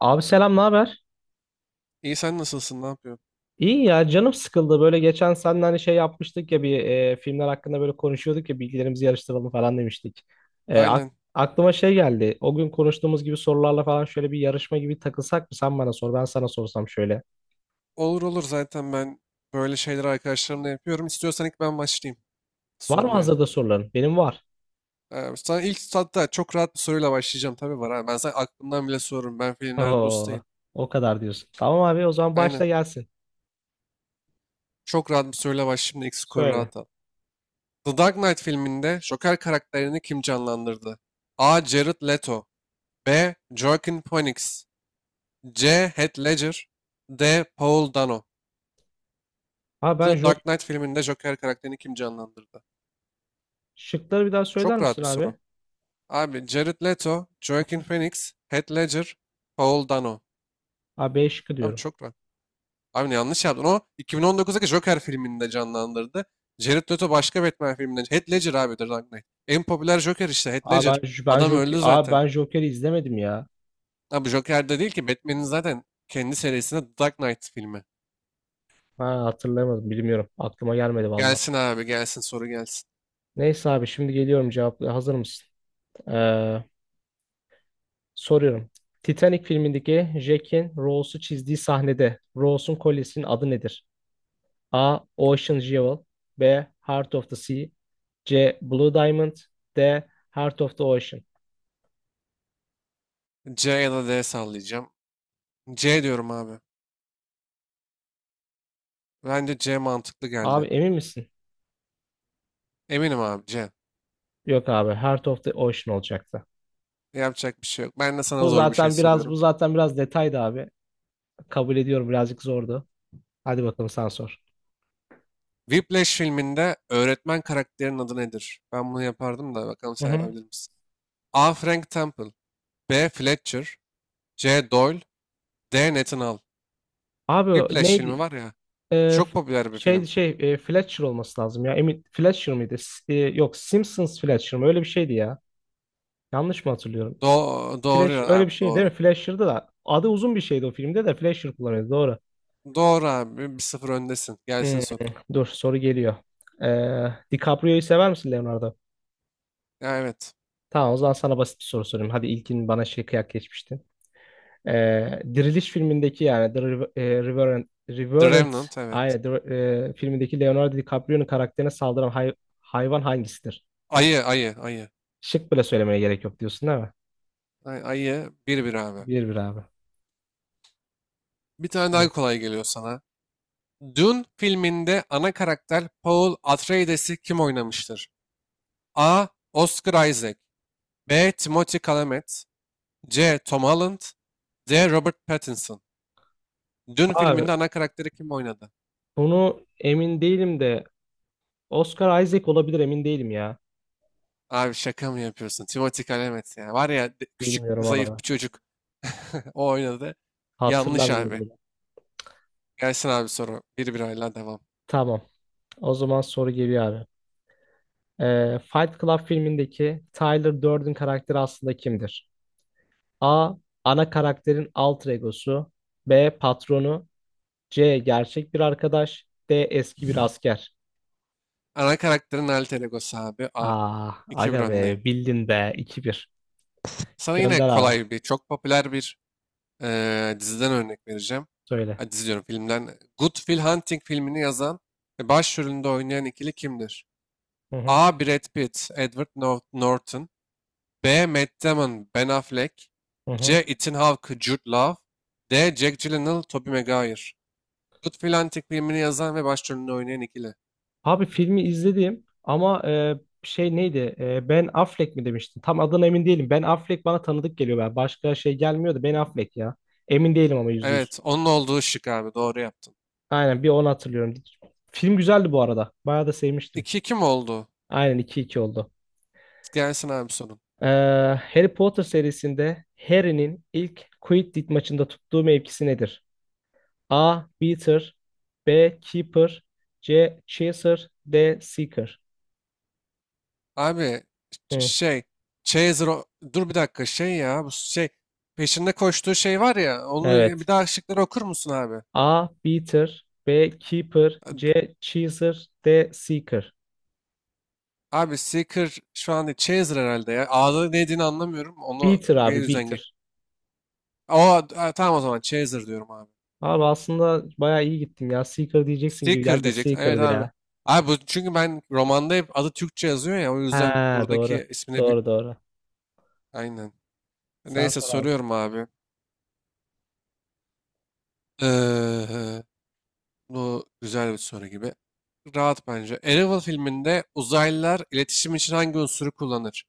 Abi selam, ne haber? İyi sen nasılsın? Ne yapıyorsun? İyi ya canım sıkıldı. Böyle geçen seninle hani şey yapmıştık ya bir filmler hakkında böyle konuşuyorduk ya bilgilerimizi yarıştıralım falan demiştik. E, ak- Aynen. Aklıma şey geldi. O gün konuştuğumuz gibi sorularla falan şöyle bir yarışma gibi takılsak mı? Sen bana sor, ben sana sorsam şöyle. Olur olur, zaten ben böyle şeyleri arkadaşlarımla yapıyorum. İstiyorsan ilk ben başlayayım Var mı sormaya. hazırda soruların? Benim var. Sana ilk, hatta çok rahat bir soruyla başlayacağım, tabii var. Ha. Ben sana aklımdan bile sorurum. Ben filmlerde Oo, ustayım. o kadar diyorsun. Tamam abi, o zaman Aynen. başla gelsin. Çok rahat bir soruyla başlayayım da ilk skoru Söyle. rahat al. The Dark Knight filminde Joker karakterini kim canlandırdı? A. Jared Leto, B. Joaquin Phoenix, C. Heath Ledger, D. Paul Dano. Abi ben The jo, Dark Knight filminde Joker karakterini kim canlandırdı? şıkları bir daha söyler Çok rahat misin bir abi? soru. Abi Jared Leto, Hı Joaquin hı. Phoenix, Heath Ledger, Paul Dano. Abi B şıkkı Tam diyorum. çok var. Abi yanlış yaptın. O 2019'daki Joker filminde canlandırdı. Jared Leto başka Batman filminde. Heath Ledger abi The Dark Knight. En popüler Joker işte Heath Abi ben, Ledger. ben Adam Joker, öldü abi zaten. ben Joker'i izlemedim ya. Abi Joker'de değil ki, Batman'in zaten kendi serisinde The Dark Knight filmi. Ha, hatırlayamadım, bilmiyorum. Aklıma gelmedi valla. Gelsin abi, gelsin soru gelsin. Neyse abi, şimdi geliyorum, cevapla. Hazır mısın? Ee, Soruyorum. Titanic filmindeki Jack'in Rose'u çizdiği sahnede Rose'un kolyesinin adı nedir? A. Aha. Ocean Jewel. B. Heart of the Sea. C. Blue Diamond. D. Heart of the Ocean. C ya da D sallayacağım. C diyorum abi. Bence C mantıklı Abi geldi. emin misin? Eminim abi, C. Yok abi, Heart of the Ocean olacaktı. Yapacak bir şey yok. Ben de sana Bu zor bir şey zaten biraz bu soruyorum. zaten biraz detaydı abi. Kabul ediyorum, birazcık zordu. Hadi bakalım, sen sor. Whiplash filminde öğretmen karakterinin adı nedir? Ben bunu yapardım da bakalım Hı sen hı. yapabilir misin? A. Frank Temple, B. Fletcher, C. Doyle, D. Nathan Hall. Abi Whiplash neydi? filmi var ya. Ee, Çok f- popüler bir film. Fletcher olması lazım ya. Emin Fletcher mıydı? Yok, Simpsons Fletcher mı? Öyle bir şeydi ya. Yanlış mı hatırlıyorum? Do Sim- doğru Flash, öyle abi, bir şey değil mi? doğru. Fletcher'dı da adı, uzun bir şeydi o filmde de Fletcher kullanıyordu. Doğru. Doğru abi. Bir sıfır öndesin. Gelsin Hmm, soru. dur, soru geliyor. DiCaprio'yu sever misin, Leonardo? Ya evet. Tamam, o zaman sana basit bir soru sorayım. Hadi ilkin bana şey, kıyak geçmiştin. Diriliş filmindeki yani The Rev- e, Revenant, The Revenant Remnant, evet. aynen, filmindeki Leonardo DiCaprio'nun karakterine saldıran hayvan hangisidir? Ayı, ayı, ayı. Şık bile söylemeye gerek yok diyorsun, değil mi? Ayı, bir bir abi. Bir bir abi. Bir tane daha Süper. kolay geliyor sana. Dune filminde ana karakter Paul Atreides'i kim oynamıştır? A. Oscar Isaac, B. Timothée Chalamet, C. Tom Holland, D. Robert Pattinson. Dün Abi filminde ana karakteri kim oynadı? bunu emin değilim de Oscar Isaac olabilir, emin değilim ya. Abi şaka mı yapıyorsun? Timothée Chalamet ya. Var ya küçük Bilmiyorum zayıf abi. bir çocuk. O oynadı. Yanlış Hatırlamıyorum abi. bile. Gelsin abi soru. Bir bir oyla devam. Tamam. O zaman soru geliyor abi. Fight Club filmindeki Tyler Durden karakteri aslında kimdir? A. Ana karakterin alter egosu. B. Patronu. C. Gerçek bir arkadaş. D. Eski bir asker. Ana karakterin alter egosu abi. A. Aa, 2 aga bir be, öndeyim. bildin be. 2 bir. Sana yine Gönder abi. kolay bir, çok popüler bir diziden örnek vereceğim. Söyle. Hadi dizi diyorum, filmden. Good Will Hunting filmini yazan ve başrolünde oynayan ikili kimdir? Hı hı. A. Brad Pitt, Edward Norton. B. Matt Damon, Ben Affleck. Hı C. hı. Ethan Hawke, Jude Law. D. Jack Gyllenhaal, Tobey Maguire. Good Antik filmini yazan ve başrolünde oynayan ikili. Abi filmi izledim ama şey neydi? Ben Affleck mi demiştin? Tam adına emin değilim. Ben Affleck bana tanıdık geliyor. Ben. Başka şey gelmiyordu. Ben Affleck ya. Emin değilim ama yüzde yüz. Evet, onun olduğu şık abi. Doğru yaptın. Aynen, bir onu hatırlıyorum. Film güzeldi bu arada. Bayağı da sevmiştim. 2 kim oldu? Aynen, iki iki oldu. Gelsin abi sorun. Ee, Harry Potter serisinde Harry'nin ilk Quidditch maçında tuttuğu mevkisi nedir? A. Beater. B. Keeper. C. Chaser. D. Seeker. Abi ş- Hı, şey, Chaser... Dur bir dakika, şey ya. Bu şey, peşinde koştuğu şey var ya. Onu, bir evet. daha şıkları okur musun abi? A. Beater. B. Keeper. C. Cheeser. D. Seeker. Abi Seeker şu an değil, Chaser herhalde ya. A'da ne dediğini anlamıyorum. Onu Beater o abi, yüzden Beater. O tamam, o zaman Chaser diyorum abi. Abi aslında bayağı iyi gittim ya. Seeker diyeceksin gibi Seeker geldi de diyeceksin. Evet Seeker'dı abi. ya. Abi bu, çünkü ben romanda hep adı Türkçe yazıyor ya, o yüzden Ha doğru. buradaki ismini bir, Doğru doğru. aynen. Sen Neyse, sor abi. soruyorum abi. Ee, Bu güzel bir soru gibi. Rahat, bence. Arrival filminde uzaylılar iletişim için hangi unsuru kullanır?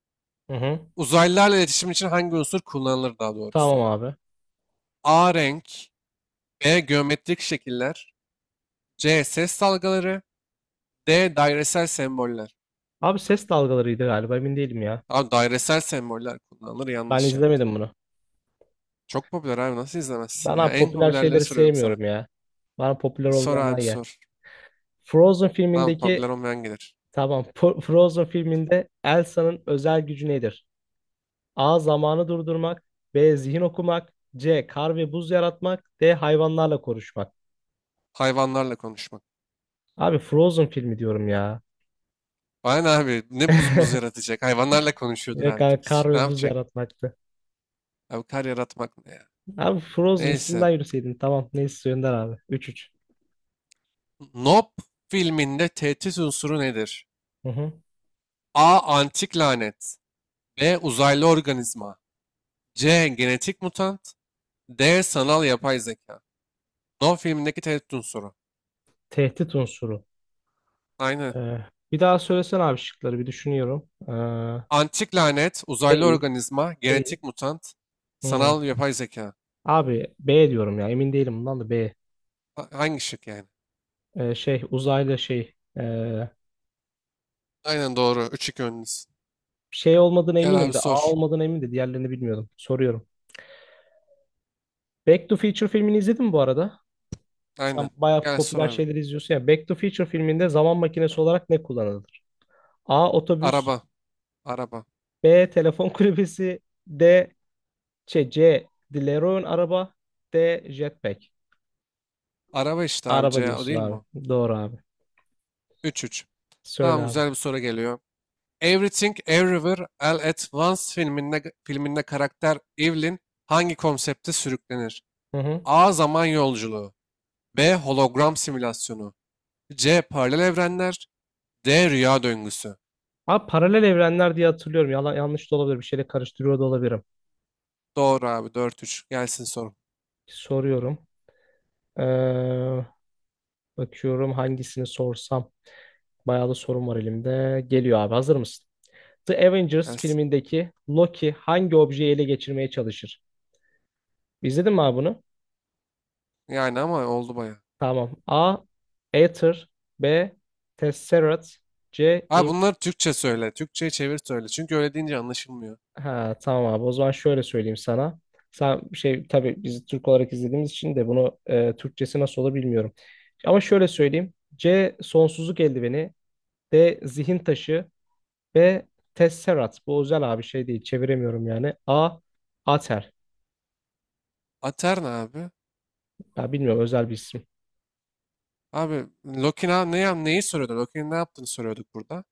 Hı hı. Uzaylılarla iletişim için hangi unsur kullanılır, daha doğrusu? Tamam abi. A renk, B geometrik şekiller, C. Ses dalgaları, D. Dairesel semboller. Abi ses dalgalarıydı galiba, emin değilim ya. Abi dairesel semboller kullanılır, Ben yanlış ya. izlemedim bunu. Çok popüler abi, nasıl izlemezsin Ben ya? abi En popüler popülerleri şeyleri soruyorum sana. sevmiyorum ya. Bana popüler Sor olmayanlar abi yer. sor. Frozen Tamam, filmindeki popüler olmayan gelir. tamam, Frozen filminde Elsa'nın özel gücü nedir? A. Zamanı durdurmak. B. Zihin okumak. C. Kar ve buz yaratmak. D. Hayvanlarla konuşmak. Hayvanlarla konuşmak. Abi Frozen filmi diyorum ya. Bana ne abi, ne buz muz yaratacak? Hayvanlarla konuşuyordur Direkt abi. abi, Kız kar ne ve buz yapacak? yaratmaktı. Abi kar yaratmak ne ya? Abi Frozen Neyse. isminden yürüseydin. Tamam neyse Önder abi. 3-3. Nope filminde tehdit unsuru nedir? Hı hı. A. Antik lanet, B. Uzaylı organizma, C. Genetik mutant, D. Sanal yapay zeka. No filmindeki tehdit unsuru. Tehdit unsuru. Aynen. Ee, Bir daha söylesene abi şıkları, bir düşünüyorum. Antik lanet, uzaylı Değil. organizma, Değil. genetik mutant, Hmm. sanal yapay zeka. Abi B diyorum ya, emin değilim bundan da, B. Hangi şık yani? Şey, uzaylı şey. ee, Aynen, doğru. 3-2 önünüz. Şey olmadığına Gel eminim abi de, A sor. olmadığına eminim de diğerlerini bilmiyordum. Soruyorum. Back to Future filmini izledin mi bu arada? Sen Aynen. bayağı Gel sor popüler abi. şeyleri izliyorsun ya. Back to Future filminde zaman makinesi olarak ne kullanılır? A. Otobüs. Araba. Araba. B. Telefon kulübesi. D. Şey, C. DeLorean araba. D. Jetpack. Araba işte abi, Araba C o diyorsun değil mi? abi. O? Doğru abi. Üç. 3. Söyle Tamam, abi. güzel bir soru geliyor. Everything Everywhere All at Once filminde, filminde karakter Evelyn hangi konsepte sürüklenir? Hı hı. A. Zaman yolculuğu, B. Hologram simülasyonu, C. Paralel evrenler, D rüya döngüsü. Abi paralel evrenler diye hatırlıyorum. Yalan, yanlış da olabilir. Bir şeyle karıştırıyor da olabilirim. Doğru abi, dört üç. Gelsin sorun. Soruyorum. Ee, Bakıyorum hangisini sorsam. Bayağı da sorum var elimde. Geliyor abi, hazır mısın? The Avengers Gelsin. filmindeki Loki hangi objeyi ele geçirmeye çalışır? İzledin mi abi bunu? Yani ama oldu baya. Tamam. A. Aether. B. Tesseract. C. Abi İn-. bunları Türkçe söyle. Türkçe'ye çevir söyle. Çünkü öyle deyince anlaşılmıyor. Ha, tamam abi, o zaman şöyle söyleyeyim sana. Sen şey, tabii biz Türk olarak izlediğimiz için de bunu Türkçesi nasıl olur bilmiyorum. Ama şöyle söyleyeyim. C. Sonsuzluk eldiveni. D. Zihin taşı. B. Tesserat. Bu özel abi, şey değil. Çeviremiyorum yani. A. Ater. Aterna abi. Ya bilmiyorum, özel bir isim. Abi Lokina ne, neyi soruyordu? Loki'nin ne yaptığını soruyorduk burada.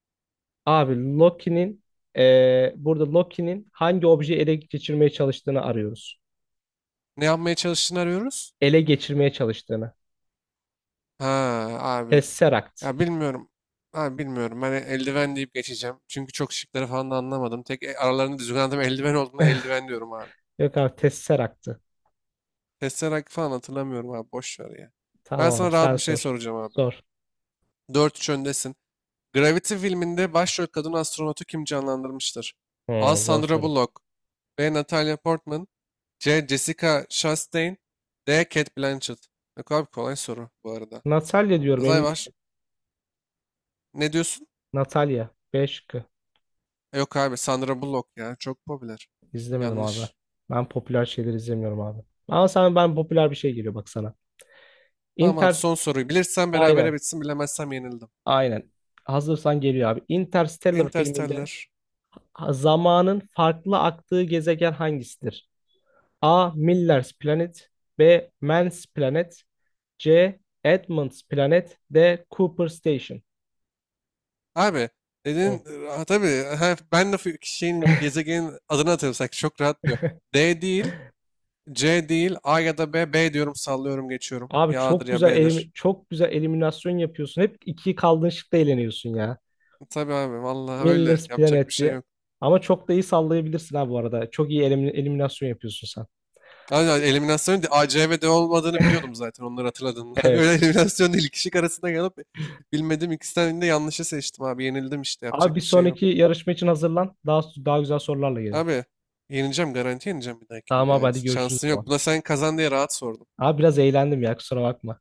Abi Loki'nin burada Loki'nin hangi objeyi ele geçirmeye çalıştığını arıyoruz. Ne yapmaya çalıştığını arıyoruz. Ele geçirmeye çalıştığını. Ha abi. Tesseract. Ya bilmiyorum. Abi bilmiyorum. Ben eldiven deyip geçeceğim. Çünkü çok, şıkları falan da anlamadım. Tek aralarında düzgün anladım. Eldiven olduğuna, eldiven diyorum abi. Yok abi, Tesseract'tı. Tesseract falan hatırlamıyorum abi. Boş ver ya. Ben Tamam sana abi, sen rahat bir şey sor. soracağım abi. Sor. Dört 3 öndesin. Gravity filminde başrol kadın astronotu kim canlandırmıştır? A. Hmm, zor Sandra soru. Bullock, B. Natalia Portman, C. Jessica Chastain, D. Cate Blanchett. Yok abi, kolay soru bu arada. Natalya diyorum, Azay emin var. değilim. Ne diyorsun? Natalya. B şıkkı. Yok abi, Sandra Bullock ya. Çok popüler. İzlemedim abi. Yanlış. Ben popüler şeyleri izlemiyorum abi. Ama sen, ben popüler bir şey geliyor bak sana. Tamam abi, Inter, son soruyu. Bilirsem berabere aynen. bitsin. Bilemezsem yenildim. Aynen. Hazırsan geliyor abi. Interstellar filminde Interstellar. zamanın farklı aktığı gezegen hangisidir? A. Miller's Planet. B. Mann's Planet. C. Edmund's Planet. D. Cooper Station. Abi Hı. dedin ha, tabii ha, ben de şeyin, gezegenin adını hatırlasak çok rahat diyor. D değil. C değil, A ya da B. B diyorum, sallıyorum, geçiyorum. Abi Ya A'dır çok ya güzel B'dir. elim, çok güzel eliminasyon yapıyorsun. Hep iki kaldığın şıkta eğleniyorsun ya. Tabii abi, vallahi öyle. Miller's Yapacak bir şey Planet'ti. yok. Ama çok da iyi sallayabilirsin ha bu arada. Çok iyi eliminasyon yapıyorsun sen. Abi eliminasyonun A, C ve D olmadığını biliyordum zaten, onları hatırladığımda. Öyle Evet. eliminasyon değil. İki şık arasında kalıp bilmedim, ikisinden de yanlışı seçtim abi. Yenildim işte, Abi bir yapacak bir şey yok. sonraki yarışma için hazırlan. Daha güzel sorularla gelelim. Abi yenileceğim, garanti yenileceğim bir Tamam dahakinde abi, yani. hadi görüşürüz o Şansın yok. zaman. Buna sen kazan diye rahat sordum. Abi biraz eğlendim ya, kusura bakma.